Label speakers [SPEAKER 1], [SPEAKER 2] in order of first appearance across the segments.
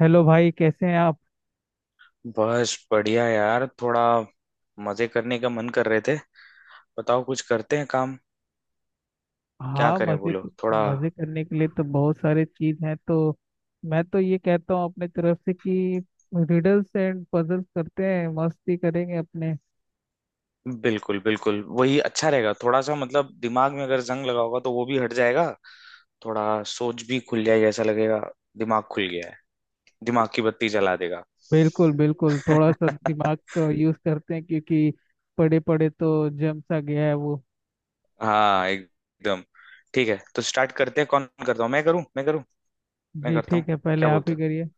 [SPEAKER 1] Hello भाई, कैसे हैं आप।
[SPEAKER 2] बस बढ़िया यार। थोड़ा मजे करने का मन कर रहे थे। बताओ, कुछ करते हैं काम। क्या
[SPEAKER 1] हाँ
[SPEAKER 2] करें,
[SPEAKER 1] मजे।
[SPEAKER 2] बोलो। थोड़ा
[SPEAKER 1] मजे करने के लिए तो बहुत सारे चीज हैं तो मैं तो ये कहता हूँ अपने तरफ से कि रिडल्स एंड पजल्स करते हैं, मस्ती करेंगे अपने।
[SPEAKER 2] बिल्कुल बिल्कुल, वही अच्छा रहेगा। थोड़ा सा मतलब, दिमाग में अगर जंग लगा होगा तो वो भी हट जाएगा। थोड़ा सोच भी खुल जाएगी, ऐसा लगेगा। दिमाग खुल गया है। दिमाग की बत्ती जला देगा।
[SPEAKER 1] बिल्कुल बिल्कुल, थोड़ा सा दिमाग का यूज करते हैं क्योंकि पड़े पड़े तो जम सा गया है वो।
[SPEAKER 2] हाँ, एकदम। ठीक है, तो स्टार्ट करते हैं। कौन करता हूँ, मैं करूँ मैं करूँ? मैं
[SPEAKER 1] जी
[SPEAKER 2] करता हूँ।
[SPEAKER 1] ठीक है, पहले
[SPEAKER 2] क्या
[SPEAKER 1] आप
[SPEAKER 2] बोलते
[SPEAKER 1] ही
[SPEAKER 2] हो?
[SPEAKER 1] करिए।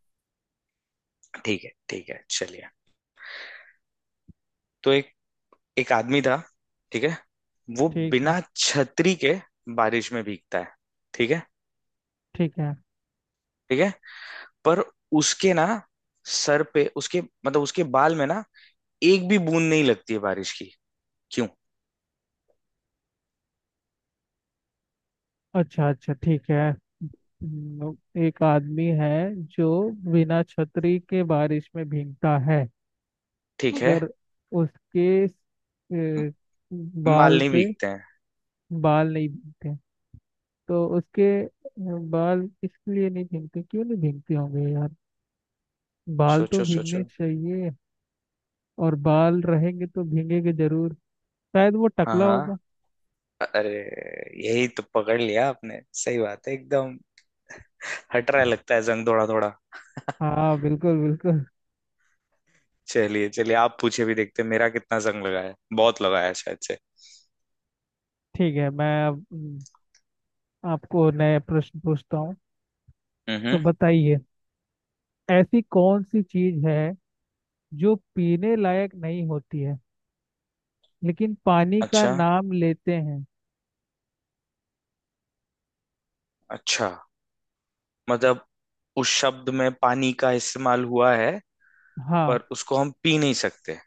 [SPEAKER 2] ठीक है ठीक है, चलिए। तो एक एक आदमी था, ठीक है? वो
[SPEAKER 1] ठीक है
[SPEAKER 2] बिना छतरी के बारिश में भीगता है। ठीक है?
[SPEAKER 1] ठीक है।
[SPEAKER 2] ठीक है। पर उसके ना, सर पे, उसके मतलब उसके बाल में ना, एक भी बूंद नहीं लगती है बारिश की। क्यों?
[SPEAKER 1] अच्छा अच्छा ठीक है। हम्म, एक आदमी है जो बिना छतरी के बारिश में भीगता है।
[SPEAKER 2] ठीक है।
[SPEAKER 1] अगर उसके अ,
[SPEAKER 2] म- बाल
[SPEAKER 1] बाल
[SPEAKER 2] नहीं
[SPEAKER 1] पे
[SPEAKER 2] भीगते हैं।
[SPEAKER 1] बाल नहीं भीगते, तो उसके बाल इसलिए नहीं भीगते, क्यों नहीं भीगते होंगे यार। बाल तो
[SPEAKER 2] सोचो
[SPEAKER 1] भीगने
[SPEAKER 2] सोचो।
[SPEAKER 1] चाहिए, और बाल रहेंगे तो भीगेंगे जरूर। शायद वो
[SPEAKER 2] हाँ
[SPEAKER 1] टकला होगा।
[SPEAKER 2] हाँ। अरे यही तो पकड़ लिया आपने, सही बात है एकदम। हट रहा है लगता है जंग थोड़ा थोड़ा।
[SPEAKER 1] हाँ बिल्कुल बिल्कुल।
[SPEAKER 2] चलिए चलिए, आप पूछे भी, देखते हैं मेरा कितना जंग लगा है। बहुत लगा है शायद से।
[SPEAKER 1] ठीक है, मैं अब आपको नए प्रश्न पूछता हूँ।
[SPEAKER 2] हम्म
[SPEAKER 1] तो
[SPEAKER 2] हम्म।
[SPEAKER 1] बताइए, ऐसी कौन सी चीज है जो पीने लायक नहीं होती है लेकिन पानी का
[SPEAKER 2] अच्छा
[SPEAKER 1] नाम लेते हैं।
[SPEAKER 2] अच्छा। मतलब उस शब्द में पानी का इस्तेमाल हुआ है।
[SPEAKER 1] हाँ।
[SPEAKER 2] पर उसको हम पी नहीं सकते।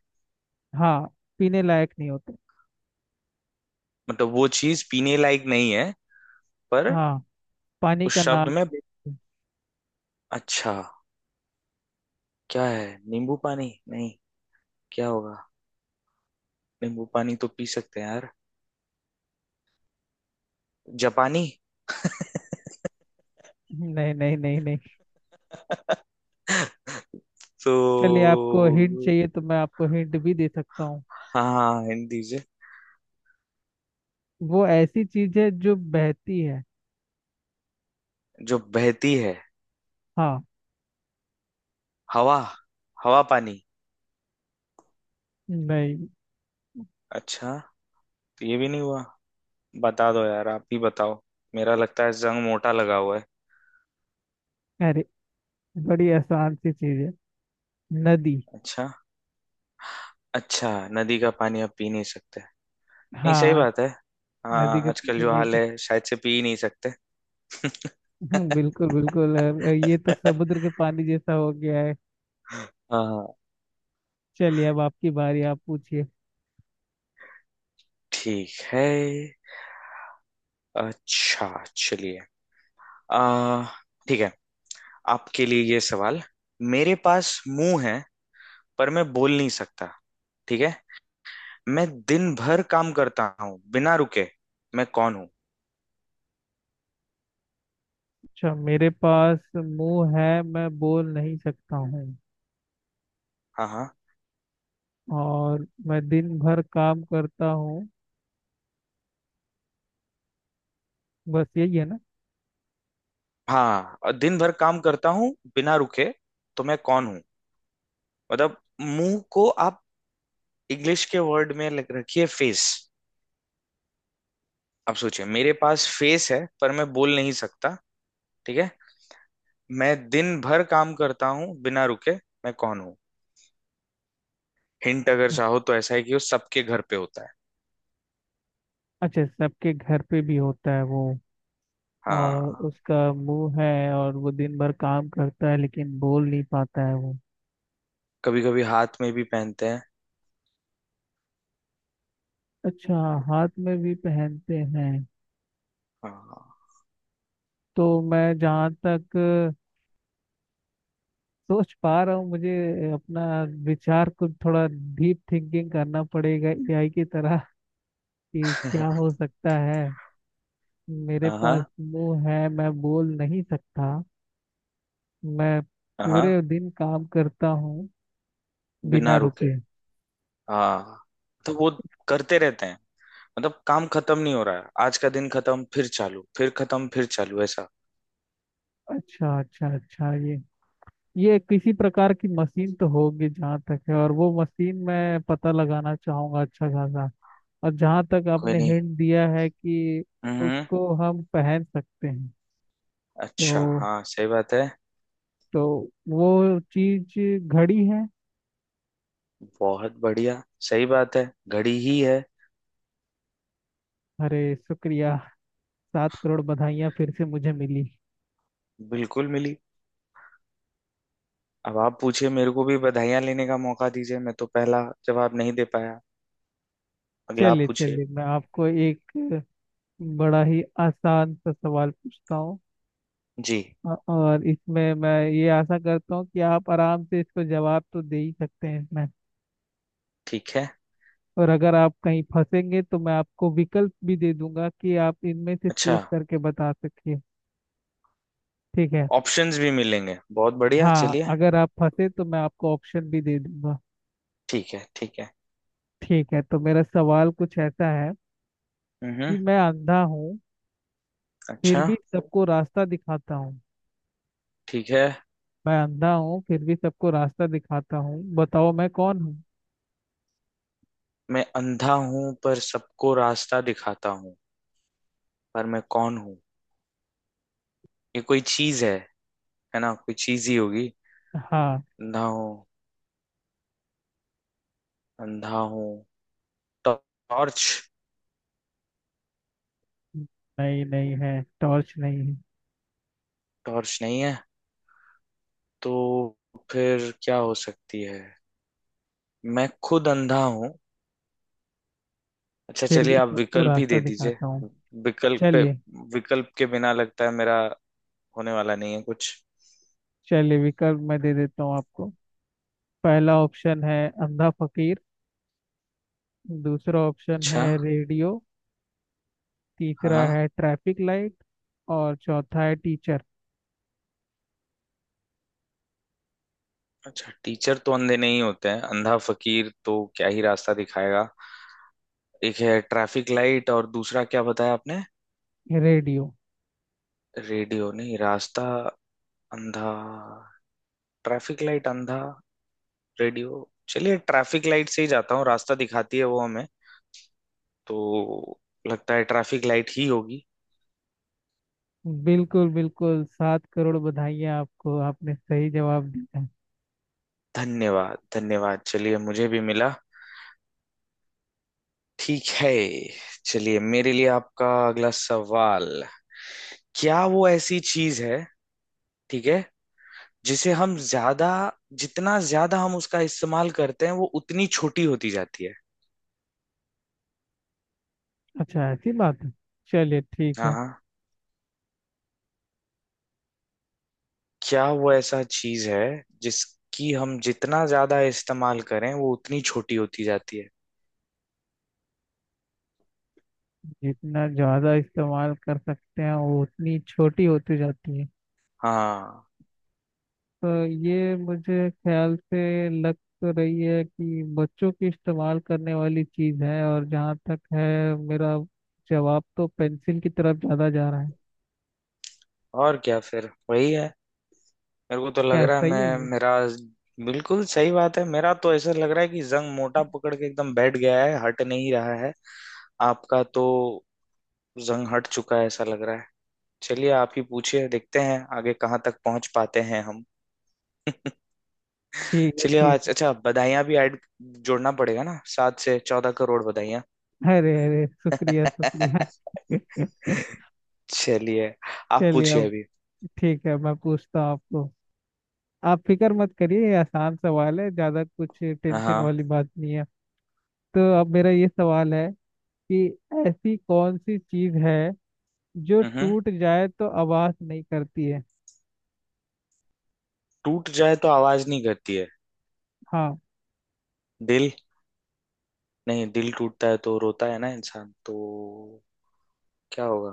[SPEAKER 1] हाँ, पीने लायक नहीं होते।
[SPEAKER 2] मतलब वो चीज पीने लायक नहीं है, पर
[SPEAKER 1] हाँ, पानी का
[SPEAKER 2] उस शब्द
[SPEAKER 1] नाम
[SPEAKER 2] में।
[SPEAKER 1] लेते हैं।
[SPEAKER 2] अच्छा। क्या है? नींबू पानी? नहीं, क्या होगा? नींबू पानी तो पी सकते हैं यार। जापानी?
[SPEAKER 1] नहीं नहीं नहीं नहीं।
[SPEAKER 2] तो
[SPEAKER 1] चलिए, आपको हिंट चाहिए तो मैं आपको हिंट भी दे सकता हूँ।
[SPEAKER 2] हाँ, हिंदी से।
[SPEAKER 1] वो ऐसी चीज है जो बहती है।
[SPEAKER 2] जो बहती है।
[SPEAKER 1] हाँ।
[SPEAKER 2] हवा? हवा पानी?
[SPEAKER 1] नहीं।
[SPEAKER 2] अच्छा तो ये भी नहीं हुआ। बता दो यार, आप ही बताओ। मेरा लगता है जंग मोटा लगा हुआ है।
[SPEAKER 1] अरे, बड़ी आसान सी चीज है, नदी।
[SPEAKER 2] अच्छा अच्छा, नदी का पानी आप पी नहीं सकते। नहीं सही
[SPEAKER 1] हाँ,
[SPEAKER 2] बात है,
[SPEAKER 1] नदी
[SPEAKER 2] हाँ
[SPEAKER 1] के
[SPEAKER 2] आजकल
[SPEAKER 1] पानी
[SPEAKER 2] जो
[SPEAKER 1] नहीं
[SPEAKER 2] हाल
[SPEAKER 1] पीते।
[SPEAKER 2] है शायद से पी ही नहीं सकते।
[SPEAKER 1] बिल्कुल बिल्कुल। ये तो समुद्र के पानी जैसा हो गया है।
[SPEAKER 2] हाँ।
[SPEAKER 1] चलिए, अब आपकी बारी, आप पूछिए।
[SPEAKER 2] ठीक है। अच्छा, चलिए। आ, ठीक है, आपके लिए ये सवाल। मेरे पास मुंह है पर मैं बोल नहीं सकता, ठीक है? मैं दिन भर काम करता हूँ बिना रुके, मैं कौन हूँ?
[SPEAKER 1] अच्छा, मेरे पास मुंह है मैं बोल नहीं सकता हूँ,
[SPEAKER 2] हाँ हाँ।
[SPEAKER 1] और मैं दिन भर काम करता हूँ, बस यही है ना।
[SPEAKER 2] हाँ, और दिन भर काम करता हूँ बिना रुके, तो मैं कौन हूँ? मतलब मुंह को आप इंग्लिश के वर्ड में लग रखिए फेस। आप सोचिए मेरे पास फेस है पर मैं बोल नहीं सकता, ठीक है? मैं दिन भर काम करता हूँ बिना रुके, मैं कौन हूँ? हिंट अगर चाहो तो ऐसा है कि वो सबके घर पे होता है।
[SPEAKER 1] अच्छा, सबके घर पे भी होता है वो, और
[SPEAKER 2] हाँ।
[SPEAKER 1] उसका मुंह है और वो दिन भर काम करता है लेकिन बोल नहीं पाता है वो।
[SPEAKER 2] कभी कभी हाथ में भी पहनते हैं।
[SPEAKER 1] अच्छा, हाथ में भी पहनते हैं।
[SPEAKER 2] हाँ।
[SPEAKER 1] तो मैं जहाँ तक सोच पा रहा हूँ, मुझे अपना विचार को थोड़ा डीप थिंकिंग करना पड़ेगा एआई की तरह, कि क्या हो सकता है। मेरे पास
[SPEAKER 2] हाँ
[SPEAKER 1] मुंह है मैं बोल नहीं सकता। मैं
[SPEAKER 2] हाँ।
[SPEAKER 1] पूरे दिन काम करता हूँ
[SPEAKER 2] बिना
[SPEAKER 1] बिना रुके।
[SPEAKER 2] रुके। हाँ, तो वो करते रहते हैं, मतलब काम खत्म नहीं हो रहा है, आज का दिन खत्म फिर चालू फिर खत्म फिर चालू, ऐसा।
[SPEAKER 1] अच्छा अच्छा अच्छा, ये किसी प्रकार की मशीन तो होगी जहाँ तक है, और वो मशीन मैं पता लगाना चाहूंगा अच्छा खासा। और जहाँ तक
[SPEAKER 2] कोई
[SPEAKER 1] आपने
[SPEAKER 2] नहीं।
[SPEAKER 1] हिंट दिया है कि
[SPEAKER 2] हम्म।
[SPEAKER 1] उसको हम पहन सकते हैं,
[SPEAKER 2] अच्छा
[SPEAKER 1] तो
[SPEAKER 2] हाँ, सही बात है।
[SPEAKER 1] तो वो चीज घड़ी है।
[SPEAKER 2] बहुत बढ़िया, सही बात है, घड़ी ही है।
[SPEAKER 1] अरे, शुक्रिया। 7 करोड़ बधाइयाँ फिर से मुझे मिली।
[SPEAKER 2] बिल्कुल मिली। अब आप पूछिए, मेरे को भी बधाइयाँ लेने का मौका दीजिए, मैं तो पहला जवाब नहीं दे पाया। अगला आप
[SPEAKER 1] चलिए
[SPEAKER 2] पूछिए।
[SPEAKER 1] चलिए, मैं आपको एक बड़ा ही आसान सा सवाल पूछता हूँ।
[SPEAKER 2] जी।
[SPEAKER 1] और इसमें मैं ये आशा करता हूँ कि आप आराम से इसको जवाब तो दे ही सकते हैं इसमें।
[SPEAKER 2] ठीक है।
[SPEAKER 1] और अगर आप कहीं फंसेंगे तो मैं आपको विकल्प भी दे दूंगा, कि आप इनमें से
[SPEAKER 2] अच्छा।
[SPEAKER 1] चूज करके बता सकिए। ठीक है।
[SPEAKER 2] ऑप्शंस भी मिलेंगे, बहुत बढ़िया,
[SPEAKER 1] हाँ,
[SPEAKER 2] चलिए।
[SPEAKER 1] अगर आप फंसे तो मैं आपको ऑप्शन भी दे दूंगा।
[SPEAKER 2] ठीक है ठीक है।
[SPEAKER 1] ठीक है, तो मेरा सवाल कुछ ऐसा है
[SPEAKER 2] हम्म।
[SPEAKER 1] कि मैं अंधा हूँ फिर
[SPEAKER 2] अच्छा।
[SPEAKER 1] भी सबको रास्ता दिखाता हूँ।
[SPEAKER 2] ठीक है।
[SPEAKER 1] मैं अंधा हूँ फिर भी सबको रास्ता दिखाता हूँ, बताओ मैं कौन हूँ।
[SPEAKER 2] मैं अंधा हूं पर सबको रास्ता दिखाता हूँ, पर मैं कौन हूँ? ये कोई चीज है ना? कोई चीज ही होगी।
[SPEAKER 1] हाँ।
[SPEAKER 2] अंधा हूँ, अंधा हूँ। टॉर्च?
[SPEAKER 1] नहीं, नहीं है, टॉर्च नहीं है।
[SPEAKER 2] टॉर्च नहीं है, तो फिर क्या हो सकती है? मैं खुद अंधा हूँ। अच्छा
[SPEAKER 1] फिर
[SPEAKER 2] चलिए,
[SPEAKER 1] भी
[SPEAKER 2] आप
[SPEAKER 1] सबको
[SPEAKER 2] विकल्प ही
[SPEAKER 1] रास्ता
[SPEAKER 2] दे दीजिए।
[SPEAKER 1] दिखाता हूँ।
[SPEAKER 2] विकल्प पे,
[SPEAKER 1] चलिए।
[SPEAKER 2] विकल्प के बिना लगता है मेरा होने वाला नहीं है कुछ।
[SPEAKER 1] चलिए, विकल्प मैं दे देता हूँ आपको। पहला ऑप्शन है अंधा फकीर। दूसरा ऑप्शन है
[SPEAKER 2] अच्छा।
[SPEAKER 1] रेडियो। तीसरा
[SPEAKER 2] हाँ।
[SPEAKER 1] है ट्रैफिक लाइट। और चौथा है टीचर।
[SPEAKER 2] अच्छा, टीचर तो अंधे नहीं होते हैं, अंधा फकीर तो क्या ही रास्ता दिखाएगा। एक है ट्रैफिक लाइट, और दूसरा क्या बताया आपने?
[SPEAKER 1] रेडियो।
[SPEAKER 2] रेडियो? नहीं, रास्ता, अंधा, ट्रैफिक लाइट, अंधा रेडियो। चलिए ट्रैफिक लाइट से ही जाता हूँ, रास्ता दिखाती है वो हमें, तो लगता है ट्रैफिक लाइट ही होगी।
[SPEAKER 1] बिल्कुल बिल्कुल, 7 करोड़ बधाइयाँ आपको, आपने सही जवाब दिया।
[SPEAKER 2] धन्यवाद धन्यवाद, चलिए मुझे भी मिला। ठीक है, चलिए मेरे लिए आपका अगला सवाल। क्या वो ऐसी चीज है, ठीक है, जिसे हम ज्यादा, जितना ज्यादा हम उसका इस्तेमाल करते हैं वो उतनी छोटी होती जाती है?
[SPEAKER 1] अच्छा, ऐसी बात है। चलिए ठीक
[SPEAKER 2] हाँ
[SPEAKER 1] है।
[SPEAKER 2] हाँ। क्या वो ऐसा चीज है जिसकी हम जितना ज्यादा इस्तेमाल करें वो उतनी छोटी होती जाती है?
[SPEAKER 1] जितना ज़्यादा इस्तेमाल कर सकते हैं वो उतनी छोटी होती जाती है।
[SPEAKER 2] हाँ।
[SPEAKER 1] तो ये मुझे ख्याल से लग तो रही है कि बच्चों की इस्तेमाल करने वाली चीज़ है, और जहाँ तक है मेरा जवाब तो पेंसिल की तरफ ज़्यादा जा रहा है।
[SPEAKER 2] और क्या फिर वही है? मेरे को तो लग
[SPEAKER 1] क्या
[SPEAKER 2] रहा है,
[SPEAKER 1] सही है
[SPEAKER 2] मैं,
[SPEAKER 1] ये।
[SPEAKER 2] मेरा। बिल्कुल सही बात है, मेरा तो ऐसा लग रहा है कि जंग मोटा पकड़ के एकदम बैठ गया है, हट नहीं रहा है। आपका तो जंग हट चुका है ऐसा लग रहा है। चलिए आप ही पूछिए, देखते हैं आगे कहाँ तक पहुंच पाते हैं हम।
[SPEAKER 1] ठीक है
[SPEAKER 2] चलिए
[SPEAKER 1] ठीक
[SPEAKER 2] आज अच्छा, बधाइयाँ भी ऐड, जोड़ना पड़ेगा ना, 7 से 14 करोड़ बधाइयाँ।
[SPEAKER 1] है। अरे अरे, शुक्रिया शुक्रिया।
[SPEAKER 2] चलिए आप
[SPEAKER 1] चलिए
[SPEAKER 2] पूछिए
[SPEAKER 1] अब।
[SPEAKER 2] अभी।
[SPEAKER 1] ठीक है, मैं पूछता हूँ आपको। आप फिक्र मत करिए, ये आसान सवाल है, ज़्यादा कुछ
[SPEAKER 2] हाँ
[SPEAKER 1] टेंशन
[SPEAKER 2] हाँ।
[SPEAKER 1] वाली बात नहीं है। तो अब मेरा ये सवाल है कि ऐसी कौन सी चीज़ है जो
[SPEAKER 2] हम्म।
[SPEAKER 1] टूट जाए तो आवाज नहीं करती है।
[SPEAKER 2] टूट जाए तो आवाज नहीं करती है।
[SPEAKER 1] हाँ।
[SPEAKER 2] दिल? नहीं, दिल टूटता है तो रोता है ना इंसान तो। क्या होगा?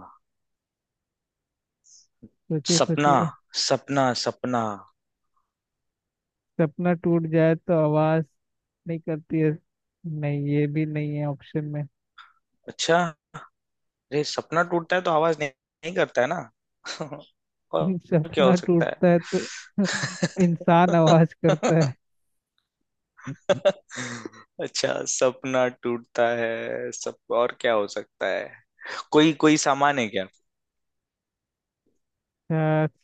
[SPEAKER 1] सोचिए
[SPEAKER 2] सपना
[SPEAKER 1] सोचिए।
[SPEAKER 2] सपना सपना।
[SPEAKER 1] सपना टूट जाए तो आवाज नहीं करती है। नहीं, ये भी नहीं है ऑप्शन में।
[SPEAKER 2] अच्छा, अरे सपना टूटता है तो आवाज नहीं, नहीं करता है ना। और क्या हो
[SPEAKER 1] सपना
[SPEAKER 2] सकता है?
[SPEAKER 1] टूटता है तो इंसान आवाज करता है।
[SPEAKER 2] अच्छा सपना टूटता है सब, और क्या हो सकता है? कोई कोई सामान है क्या?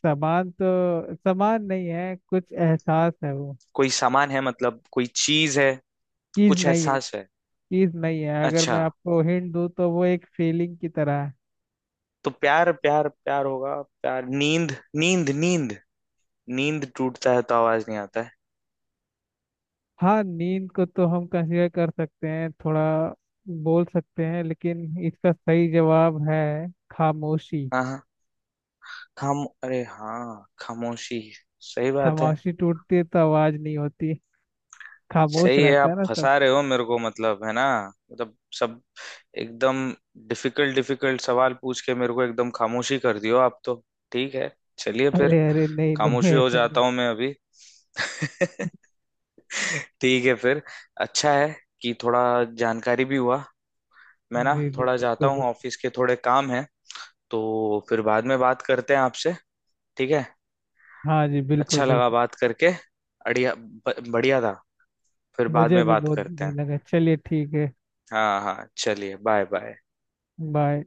[SPEAKER 1] सामान तो सामान नहीं है कुछ, एहसास है वो।
[SPEAKER 2] कोई सामान है मतलब कोई चीज है?
[SPEAKER 1] चीज
[SPEAKER 2] कुछ
[SPEAKER 1] नहीं है।
[SPEAKER 2] एहसास है?
[SPEAKER 1] चीज नहीं है, अगर
[SPEAKER 2] अच्छा।
[SPEAKER 1] मैं आपको हिंट दूँ तो वो एक फीलिंग की तरह है।
[SPEAKER 2] तो प्यार प्यार प्यार होगा, प्यार, नींद नींद नींद, नींद टूटता है तो आवाज नहीं आता है।
[SPEAKER 1] हाँ, नींद को तो हम कंसीडर कर सकते हैं थोड़ा, बोल सकते हैं, लेकिन इसका सही जवाब है खामोशी।
[SPEAKER 2] हाँ हाँ। खाम, अरे हाँ खामोशी, सही बात है।
[SPEAKER 1] खामोशी टूटती है तो आवाज नहीं होती, खामोश
[SPEAKER 2] सही है,
[SPEAKER 1] रहता है
[SPEAKER 2] आप
[SPEAKER 1] ना सब।
[SPEAKER 2] फंसा रहे हो मेरे को मतलब, है ना? मतलब सब एकदम डिफिकल्ट डिफिकल्ट सवाल पूछ के मेरे को एकदम खामोशी कर दियो आप तो। ठीक है, चलिए फिर।
[SPEAKER 1] अरे अरे नहीं नहीं,
[SPEAKER 2] खामोशी हो
[SPEAKER 1] ऐसा नहीं।
[SPEAKER 2] जाता हूँ मैं अभी। ठीक है फिर, अच्छा है कि थोड़ा जानकारी भी हुआ। मैं
[SPEAKER 1] जी
[SPEAKER 2] ना
[SPEAKER 1] जी
[SPEAKER 2] थोड़ा
[SPEAKER 1] बिल्कुल
[SPEAKER 2] जाता हूँ,
[SPEAKER 1] बिल्कुल।
[SPEAKER 2] ऑफिस के थोड़े काम है, तो फिर बाद में बात करते हैं आपसे। ठीक है,
[SPEAKER 1] हाँ जी बिल्कुल
[SPEAKER 2] अच्छा लगा
[SPEAKER 1] बिल्कुल।
[SPEAKER 2] बात करके। अड़िया, बढ़िया था। फिर बाद
[SPEAKER 1] मुझे
[SPEAKER 2] में
[SPEAKER 1] भी
[SPEAKER 2] बात
[SPEAKER 1] बहुत
[SPEAKER 2] करते
[SPEAKER 1] बुरी
[SPEAKER 2] हैं।
[SPEAKER 1] लगा, चलिए ठीक है।
[SPEAKER 2] हाँ हाँ, चलिए, बाय बाय।
[SPEAKER 1] बाय।